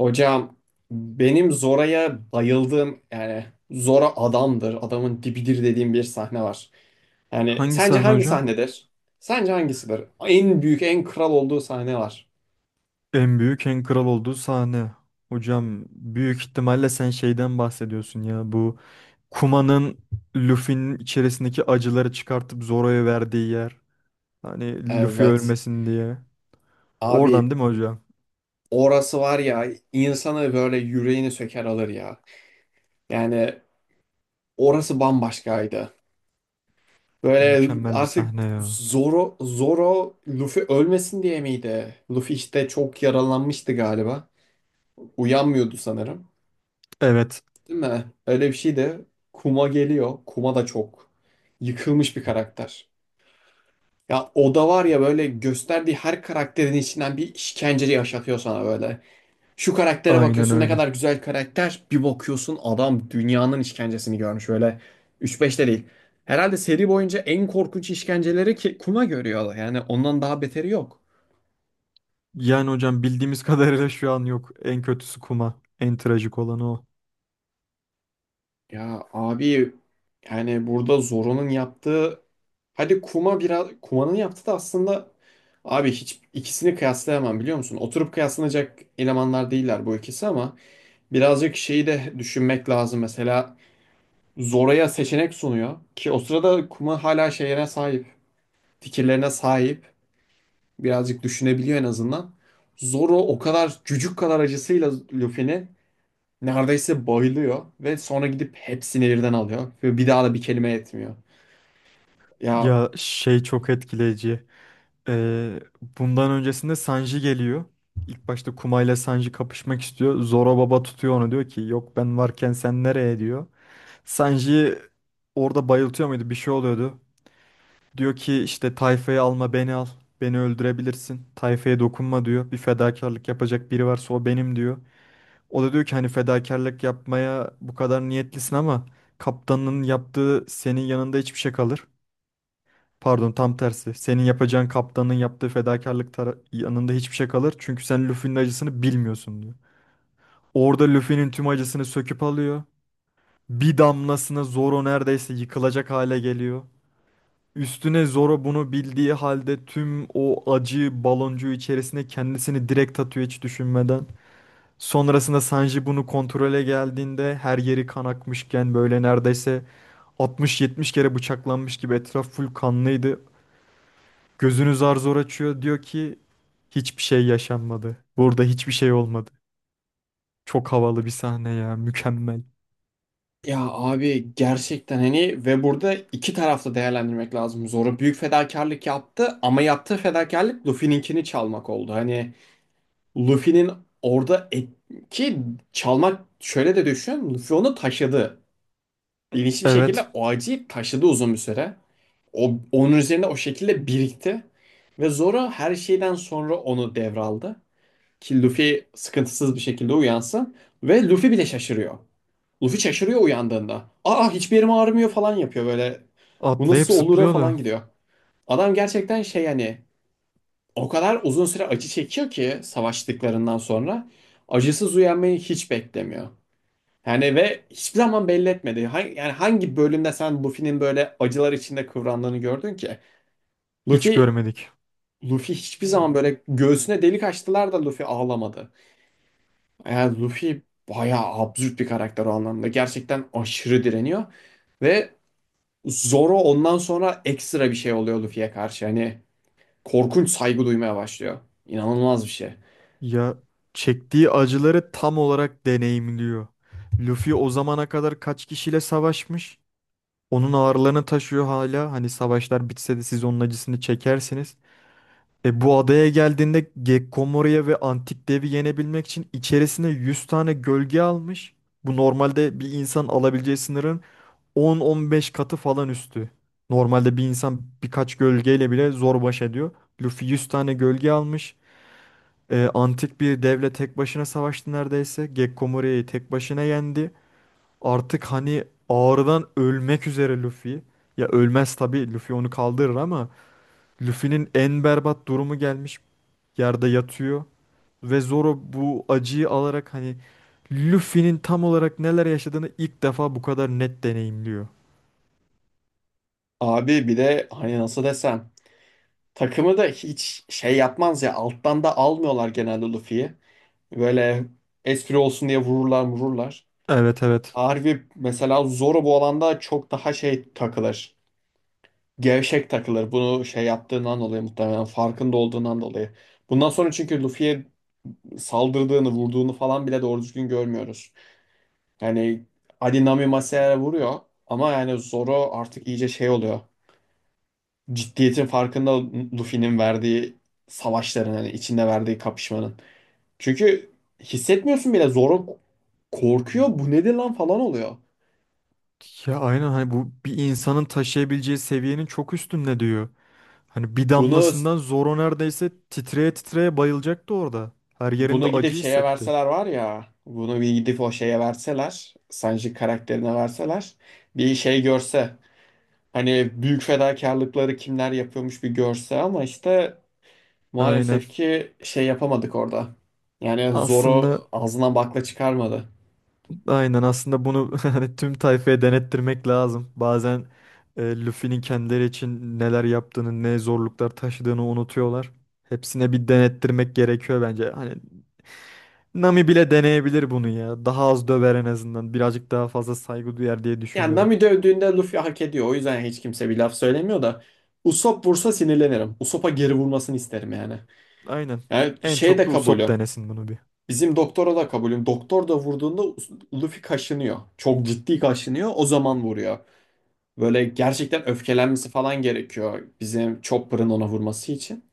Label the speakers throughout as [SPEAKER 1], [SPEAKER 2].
[SPEAKER 1] Hocam, benim Zora'ya bayıldığım, yani Zora adamdır, adamın dibidir dediğim bir sahne var. Yani
[SPEAKER 2] Hangi
[SPEAKER 1] sence
[SPEAKER 2] sahne
[SPEAKER 1] hangi
[SPEAKER 2] hocam?
[SPEAKER 1] sahnedir? Sence hangisidir? En büyük, en kral olduğu sahne var.
[SPEAKER 2] En büyük en kral olduğu sahne. Hocam büyük ihtimalle sen şeyden bahsediyorsun ya. Bu Kuma'nın Luffy'nin içerisindeki acıları çıkartıp Zoro'ya verdiği yer. Hani Luffy
[SPEAKER 1] Evet.
[SPEAKER 2] ölmesin diye.
[SPEAKER 1] Abi,
[SPEAKER 2] Oradan değil mi hocam?
[SPEAKER 1] orası var ya, insanı böyle, yüreğini söker alır ya. Yani orası bambaşkaydı. Böyle
[SPEAKER 2] Mükemmel bir sahne
[SPEAKER 1] artık
[SPEAKER 2] ya.
[SPEAKER 1] Zoro Luffy ölmesin diye miydi? Luffy işte çok yaralanmıştı galiba. Uyanmıyordu sanırım.
[SPEAKER 2] Evet,
[SPEAKER 1] Değil mi? Öyle bir şey de. Kuma geliyor. Kuma da çok yıkılmış bir karakter. Ya o da var ya, böyle gösterdiği her karakterin içinden bir işkence yaşatıyor sana böyle. Şu karaktere
[SPEAKER 2] aynen
[SPEAKER 1] bakıyorsun, ne
[SPEAKER 2] öyle.
[SPEAKER 1] kadar güzel karakter. Bir bakıyorsun, adam dünyanın işkencesini görmüş böyle. Üç 5 de değil. Herhalde seri boyunca en korkunç işkenceleri ki Kuma görüyor. Yani ondan daha beteri yok.
[SPEAKER 2] Yani hocam bildiğimiz kadarıyla şu an yok. En kötüsü Kuma. En trajik olanı o.
[SPEAKER 1] Ya abi, yani burada Zoro'nun yaptığı, hadi Kuma, biraz Kuma'nın yaptığı da aslında, abi hiç ikisini kıyaslayamam, biliyor musun? Oturup kıyaslanacak elemanlar değiller bu ikisi, ama birazcık şeyi de düşünmek lazım. Mesela Zoro'ya seçenek sunuyor ki o sırada Kuma hala şeyine sahip, fikirlerine sahip. Birazcık düşünebiliyor en azından. Zoro o kadar cücük kadar acısıyla Luffy'ni neredeyse bayılıyor ve sonra gidip hepsini birden alıyor ve bir daha da bir kelime etmiyor. Ya,
[SPEAKER 2] Ya şey çok etkileyici. Ee, Bundan öncesinde Sanji geliyor. İlk başta Kuma ile Sanji kapışmak istiyor. Zoro Baba tutuyor onu diyor ki yok ben varken sen nereye diyor. Sanji orada bayıltıyor muydu bir şey oluyordu. Diyor ki işte tayfayı alma beni al. Beni öldürebilirsin. Tayfaya dokunma diyor. Bir fedakarlık yapacak biri varsa o benim diyor. O da diyor ki hani fedakarlık yapmaya bu kadar niyetlisin ama kaptanın yaptığı senin yanında hiçbir şey kalır. Pardon tam tersi. Senin yapacağın kaptanın yaptığı fedakarlık yanında hiçbir şey kalır. Çünkü sen Luffy'nin acısını bilmiyorsun diyor. Orada Luffy'nin tüm acısını söküp alıyor. Bir damlasına Zoro neredeyse yıkılacak hale geliyor. Üstüne Zoro bunu bildiği halde tüm o acı baloncuğu içerisine kendisini direkt atıyor hiç düşünmeden. Sonrasında Sanji bunu kontrole geldiğinde her yeri kan akmışken böyle neredeyse 60-70 kere bıçaklanmış gibi etraf full kanlıydı. Gözünü zar zor açıyor diyor ki hiçbir şey yaşanmadı. Burada hiçbir şey olmadı. Çok havalı bir sahne ya, mükemmel.
[SPEAKER 1] ya abi, gerçekten hani, ve burada iki tarafta değerlendirmek lazım. Zoro büyük fedakarlık yaptı, ama yaptığı fedakarlık Luffy'ninkini çalmak oldu. Hani Luffy'nin orada et, ki çalmak, şöyle de düşün, Luffy onu taşıdı. Bilinçli bir şekilde
[SPEAKER 2] Evet,
[SPEAKER 1] o acıyı taşıdı uzun bir süre. Onun üzerinde o şekilde birikti. Ve Zoro her şeyden sonra onu devraldı ki Luffy sıkıntısız bir şekilde uyansın. Ve Luffy bile şaşırıyor. Luffy şaşırıyor uyandığında. Aa, hiçbir yerim ağrımıyor falan yapıyor böyle. Bu
[SPEAKER 2] atlayıp
[SPEAKER 1] nasıl olur'a falan
[SPEAKER 2] zıplıyordu.
[SPEAKER 1] gidiyor. Adam gerçekten şey, hani, o kadar uzun süre acı çekiyor ki savaştıklarından sonra acısız uyanmayı hiç beklemiyor. Yani ve hiçbir zaman belli etmedi. Yani hangi bölümde sen Luffy'nin böyle acılar içinde kıvrandığını gördün ki?
[SPEAKER 2] Hiç
[SPEAKER 1] Luffy
[SPEAKER 2] görmedik.
[SPEAKER 1] Luffy hiçbir zaman böyle, göğsüne delik açtılar da Luffy ağlamadı. Yani Luffy bayağı absürt bir karakter o anlamda. Gerçekten aşırı direniyor. Ve Zoro ondan sonra ekstra bir şey oluyor Luffy'ye karşı. Hani korkunç saygı duymaya başlıyor. İnanılmaz bir şey.
[SPEAKER 2] Ya çektiği acıları tam olarak deneyimliyor. Luffy o zamana kadar kaç kişiyle savaşmış? Onun ağırlığını taşıyor hala. Hani savaşlar bitse de siz onun acısını çekersiniz. E bu adaya geldiğinde Gekkomoru'ya ve Antik Dev'i yenebilmek için içerisine 100 tane gölge almış. Bu normalde bir insan alabileceği sınırın 10-15 katı falan üstü. Normalde bir insan birkaç gölgeyle bile zor baş ediyor. Luffy 100 tane gölge almış. Antik bir devle tek başına savaştı neredeyse. Gekko Morira'yı tek başına yendi. Artık hani ağrıdan ölmek üzere Luffy. Ya ölmez tabii Luffy onu kaldırır ama Luffy'nin en berbat durumu gelmiş. Yerde yatıyor ve Zoro bu acıyı alarak hani Luffy'nin tam olarak neler yaşadığını ilk defa bu kadar net deneyimliyor.
[SPEAKER 1] Abi bir de hani, nasıl desem, takımı da hiç şey yapmaz ya, alttan da almıyorlar genelde Luffy'yi. Böyle espri olsun diye vururlar vururlar.
[SPEAKER 2] Evet, evet.
[SPEAKER 1] Harbi mesela Zoro bu alanda çok daha şey takılır. Gevşek takılır. Bunu şey yaptığından dolayı, muhtemelen farkında olduğundan dolayı. Bundan sonra çünkü Luffy'ye saldırdığını, vurduğunu falan bile doğru düzgün görmüyoruz. Yani Ali Nami Masaya vuruyor, ama yani Zoro artık iyice şey oluyor. Ciddiyetin farkında, Luffy'nin verdiği savaşların, hani içinde verdiği kapışmanın. Çünkü hissetmiyorsun bile. Zoro korkuyor. Bu nedir lan falan oluyor.
[SPEAKER 2] Ya aynen hani bu bir insanın taşıyabileceği seviyenin çok üstünde diyor. Hani bir
[SPEAKER 1] Bunu
[SPEAKER 2] damlasından Zoro neredeyse titreye titreye bayılacaktı orada. Her yerinde
[SPEAKER 1] Bunu gidip
[SPEAKER 2] acı
[SPEAKER 1] şeye
[SPEAKER 2] hissetti.
[SPEAKER 1] verseler var ya, bunu bir gidip o şeye verseler, Sanji karakterine verseler, bir şey görse, hani büyük fedakarlıkları kimler yapıyormuş bir görse, ama işte
[SPEAKER 2] Aynen.
[SPEAKER 1] maalesef ki şey yapamadık orada. Yani Zoro
[SPEAKER 2] Aslında
[SPEAKER 1] ağzına bakla çıkarmadı.
[SPEAKER 2] aynen aslında bunu hani tüm tayfaya denettirmek lazım. Bazen Luffy'nin kendileri için neler yaptığını, ne zorluklar taşıdığını unutuyorlar. Hepsine bir denettirmek gerekiyor bence. Hani Nami bile deneyebilir bunu ya. Daha az döver en azından. Birazcık daha fazla saygı duyar diye
[SPEAKER 1] Yani
[SPEAKER 2] düşünüyorum.
[SPEAKER 1] Nami dövdüğünde Luffy hak ediyor. O yüzden hiç kimse bir laf söylemiyor da. Usopp vursa sinirlenirim. Usopp'a geri vurmasını isterim yani.
[SPEAKER 2] Aynen.
[SPEAKER 1] Yani
[SPEAKER 2] En
[SPEAKER 1] şey
[SPEAKER 2] çok
[SPEAKER 1] de
[SPEAKER 2] da Usopp
[SPEAKER 1] kabulü.
[SPEAKER 2] denesin bunu bir.
[SPEAKER 1] Bizim doktora da kabulüm. Doktor da vurduğunda Luffy kaşınıyor. Çok ciddi kaşınıyor. O zaman vuruyor. Böyle gerçekten öfkelenmesi falan gerekiyor. Bizim Chopper'ın ona vurması için.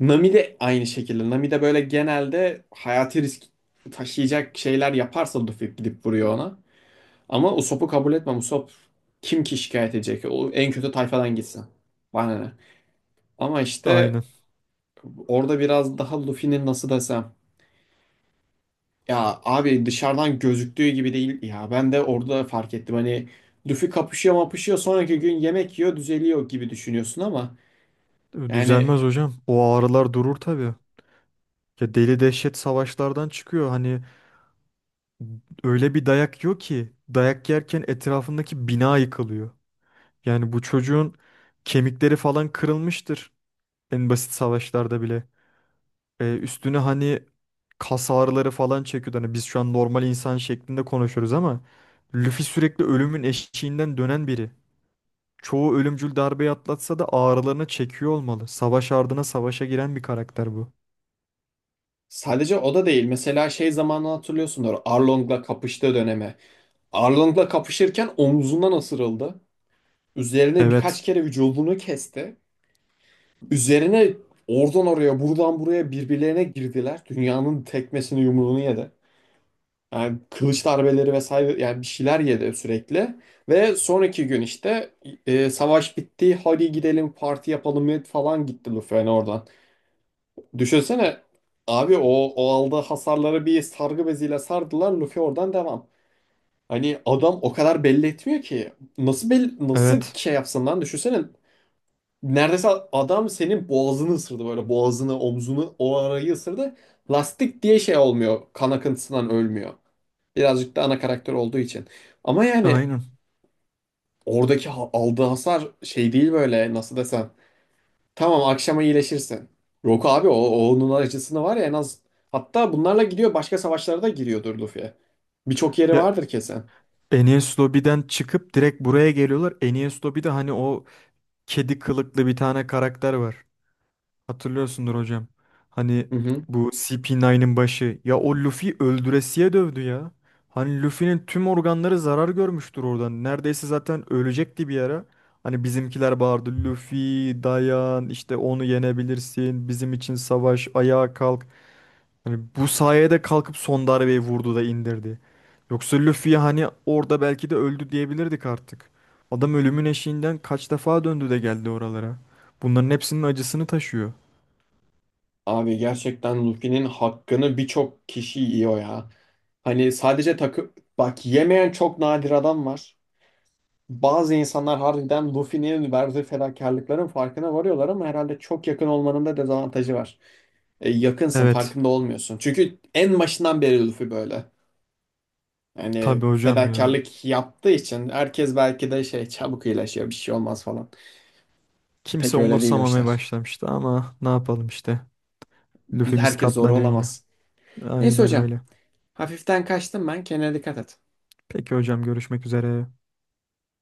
[SPEAKER 1] Nami de aynı şekilde. Nami de böyle genelde hayati risk taşıyacak şeyler yaparsa Luffy gidip vuruyor ona. Ama Usopp'u kabul etmem. Usopp kim ki şikayet edecek? O en kötü tayfadan gitsin. Bana ne? Ama işte
[SPEAKER 2] Aynen.
[SPEAKER 1] orada biraz daha Luffy'nin, nasıl desem. Ya abi, dışarıdan gözüktüğü gibi değil ya. Ben de orada fark ettim. Hani Luffy kapışıyor mapışıyor sonraki gün yemek yiyor düzeliyor gibi düşünüyorsun, ama yani
[SPEAKER 2] Düzelmez hocam. O ağrılar durur tabii. Ya deli dehşet savaşlardan çıkıyor. Hani öyle bir dayak yiyor ki dayak yerken etrafındaki bina yıkılıyor. Yani bu çocuğun kemikleri falan kırılmıştır. En basit savaşlarda bile. Üstüne hani kas ağrıları falan çekiyordu. Hani biz şu an normal insan şeklinde konuşuyoruz ama Luffy sürekli ölümün eşiğinden dönen biri. Çoğu ölümcül darbeyi atlatsa da ağrılarını çekiyor olmalı. Savaş ardına savaşa giren bir karakter bu.
[SPEAKER 1] sadece o da değil. Mesela şey zamanını hatırlıyorsundur. Arlong'la kapıştığı döneme. Arlong'la kapışırken omzundan ısırıldı. Üzerine
[SPEAKER 2] Evet,
[SPEAKER 1] birkaç kere vücudunu kesti. Üzerine oradan oraya, buradan buraya birbirlerine girdiler. Dünyanın tekmesini, yumruğunu yedi. Yani kılıç darbeleri vesaire, yani bir şeyler yedi sürekli. Ve sonraki gün işte, savaş bitti, hadi gidelim parti yapalım falan, gitti Luffy'nin oradan. Düşünsene abi, o aldığı hasarları bir sargı beziyle sardılar, Luffy oradan devam. Hani adam o kadar belli etmiyor ki. Nasıl belli, nasıl
[SPEAKER 2] evet.
[SPEAKER 1] şey yapsın lan, düşünsene. Neredeyse adam senin boğazını ısırdı böyle, boğazını, omzunu, o arayı ısırdı. Lastik diye şey olmuyor, kan akıntısından ölmüyor. Birazcık da ana karakter olduğu için. Ama yani
[SPEAKER 2] Aynen.
[SPEAKER 1] oradaki aldığı hasar şey değil böyle, nasıl desem. Tamam, akşama iyileşirsin. Rock abi, o onun acısını var ya en az. Hatta bunlarla gidiyor, başka savaşlara da giriyordur Luffy. Birçok yeri
[SPEAKER 2] Ya
[SPEAKER 1] vardır kesin.
[SPEAKER 2] Enies Lobby'den çıkıp direkt buraya geliyorlar. Enies Lobby'de hani o kedi kılıklı bir tane karakter var. Hatırlıyorsundur hocam. Hani
[SPEAKER 1] Hı hı.
[SPEAKER 2] bu CP9'ın başı. Ya o Luffy öldüresiye dövdü ya. Hani Luffy'nin tüm organları zarar görmüştür oradan. Neredeyse zaten ölecekti bir ara. Hani bizimkiler bağırdı. Luffy dayan işte onu yenebilirsin. Bizim için savaş ayağa kalk. Hani bu sayede kalkıp son darbeyi vurdu da indirdi. Yoksa Luffy hani orada belki de öldü diyebilirdik artık. Adam ölümün eşiğinden kaç defa döndü de geldi oralara. Bunların hepsinin acısını taşıyor.
[SPEAKER 1] Abi, gerçekten Luffy'nin hakkını birçok kişi yiyor ya. Hani sadece takı... Bak, yemeyen çok nadir adam var. Bazı insanlar harbiden Luffy'nin verdiği fedakarlıkların farkına varıyorlar, ama herhalde çok yakın olmanın da dezavantajı var. E, yakınsın,
[SPEAKER 2] Evet,
[SPEAKER 1] farkında olmuyorsun. Çünkü en başından beri Luffy böyle. Yani
[SPEAKER 2] tabii hocam ya.
[SPEAKER 1] fedakarlık yaptığı için herkes belki de şey, çabuk iyileşiyor, bir şey olmaz falan.
[SPEAKER 2] Kimse
[SPEAKER 1] Pek öyle değil o
[SPEAKER 2] umursamamaya
[SPEAKER 1] işler.
[SPEAKER 2] başlamıştı ama ne yapalım işte. Lüfimiz
[SPEAKER 1] Herkes zor
[SPEAKER 2] katlanıyor yine.
[SPEAKER 1] olamaz. Neyse
[SPEAKER 2] Aynen
[SPEAKER 1] hocam,
[SPEAKER 2] öyle.
[SPEAKER 1] hafiften kaçtım ben, kendine dikkat et.
[SPEAKER 2] Peki hocam görüşmek üzere.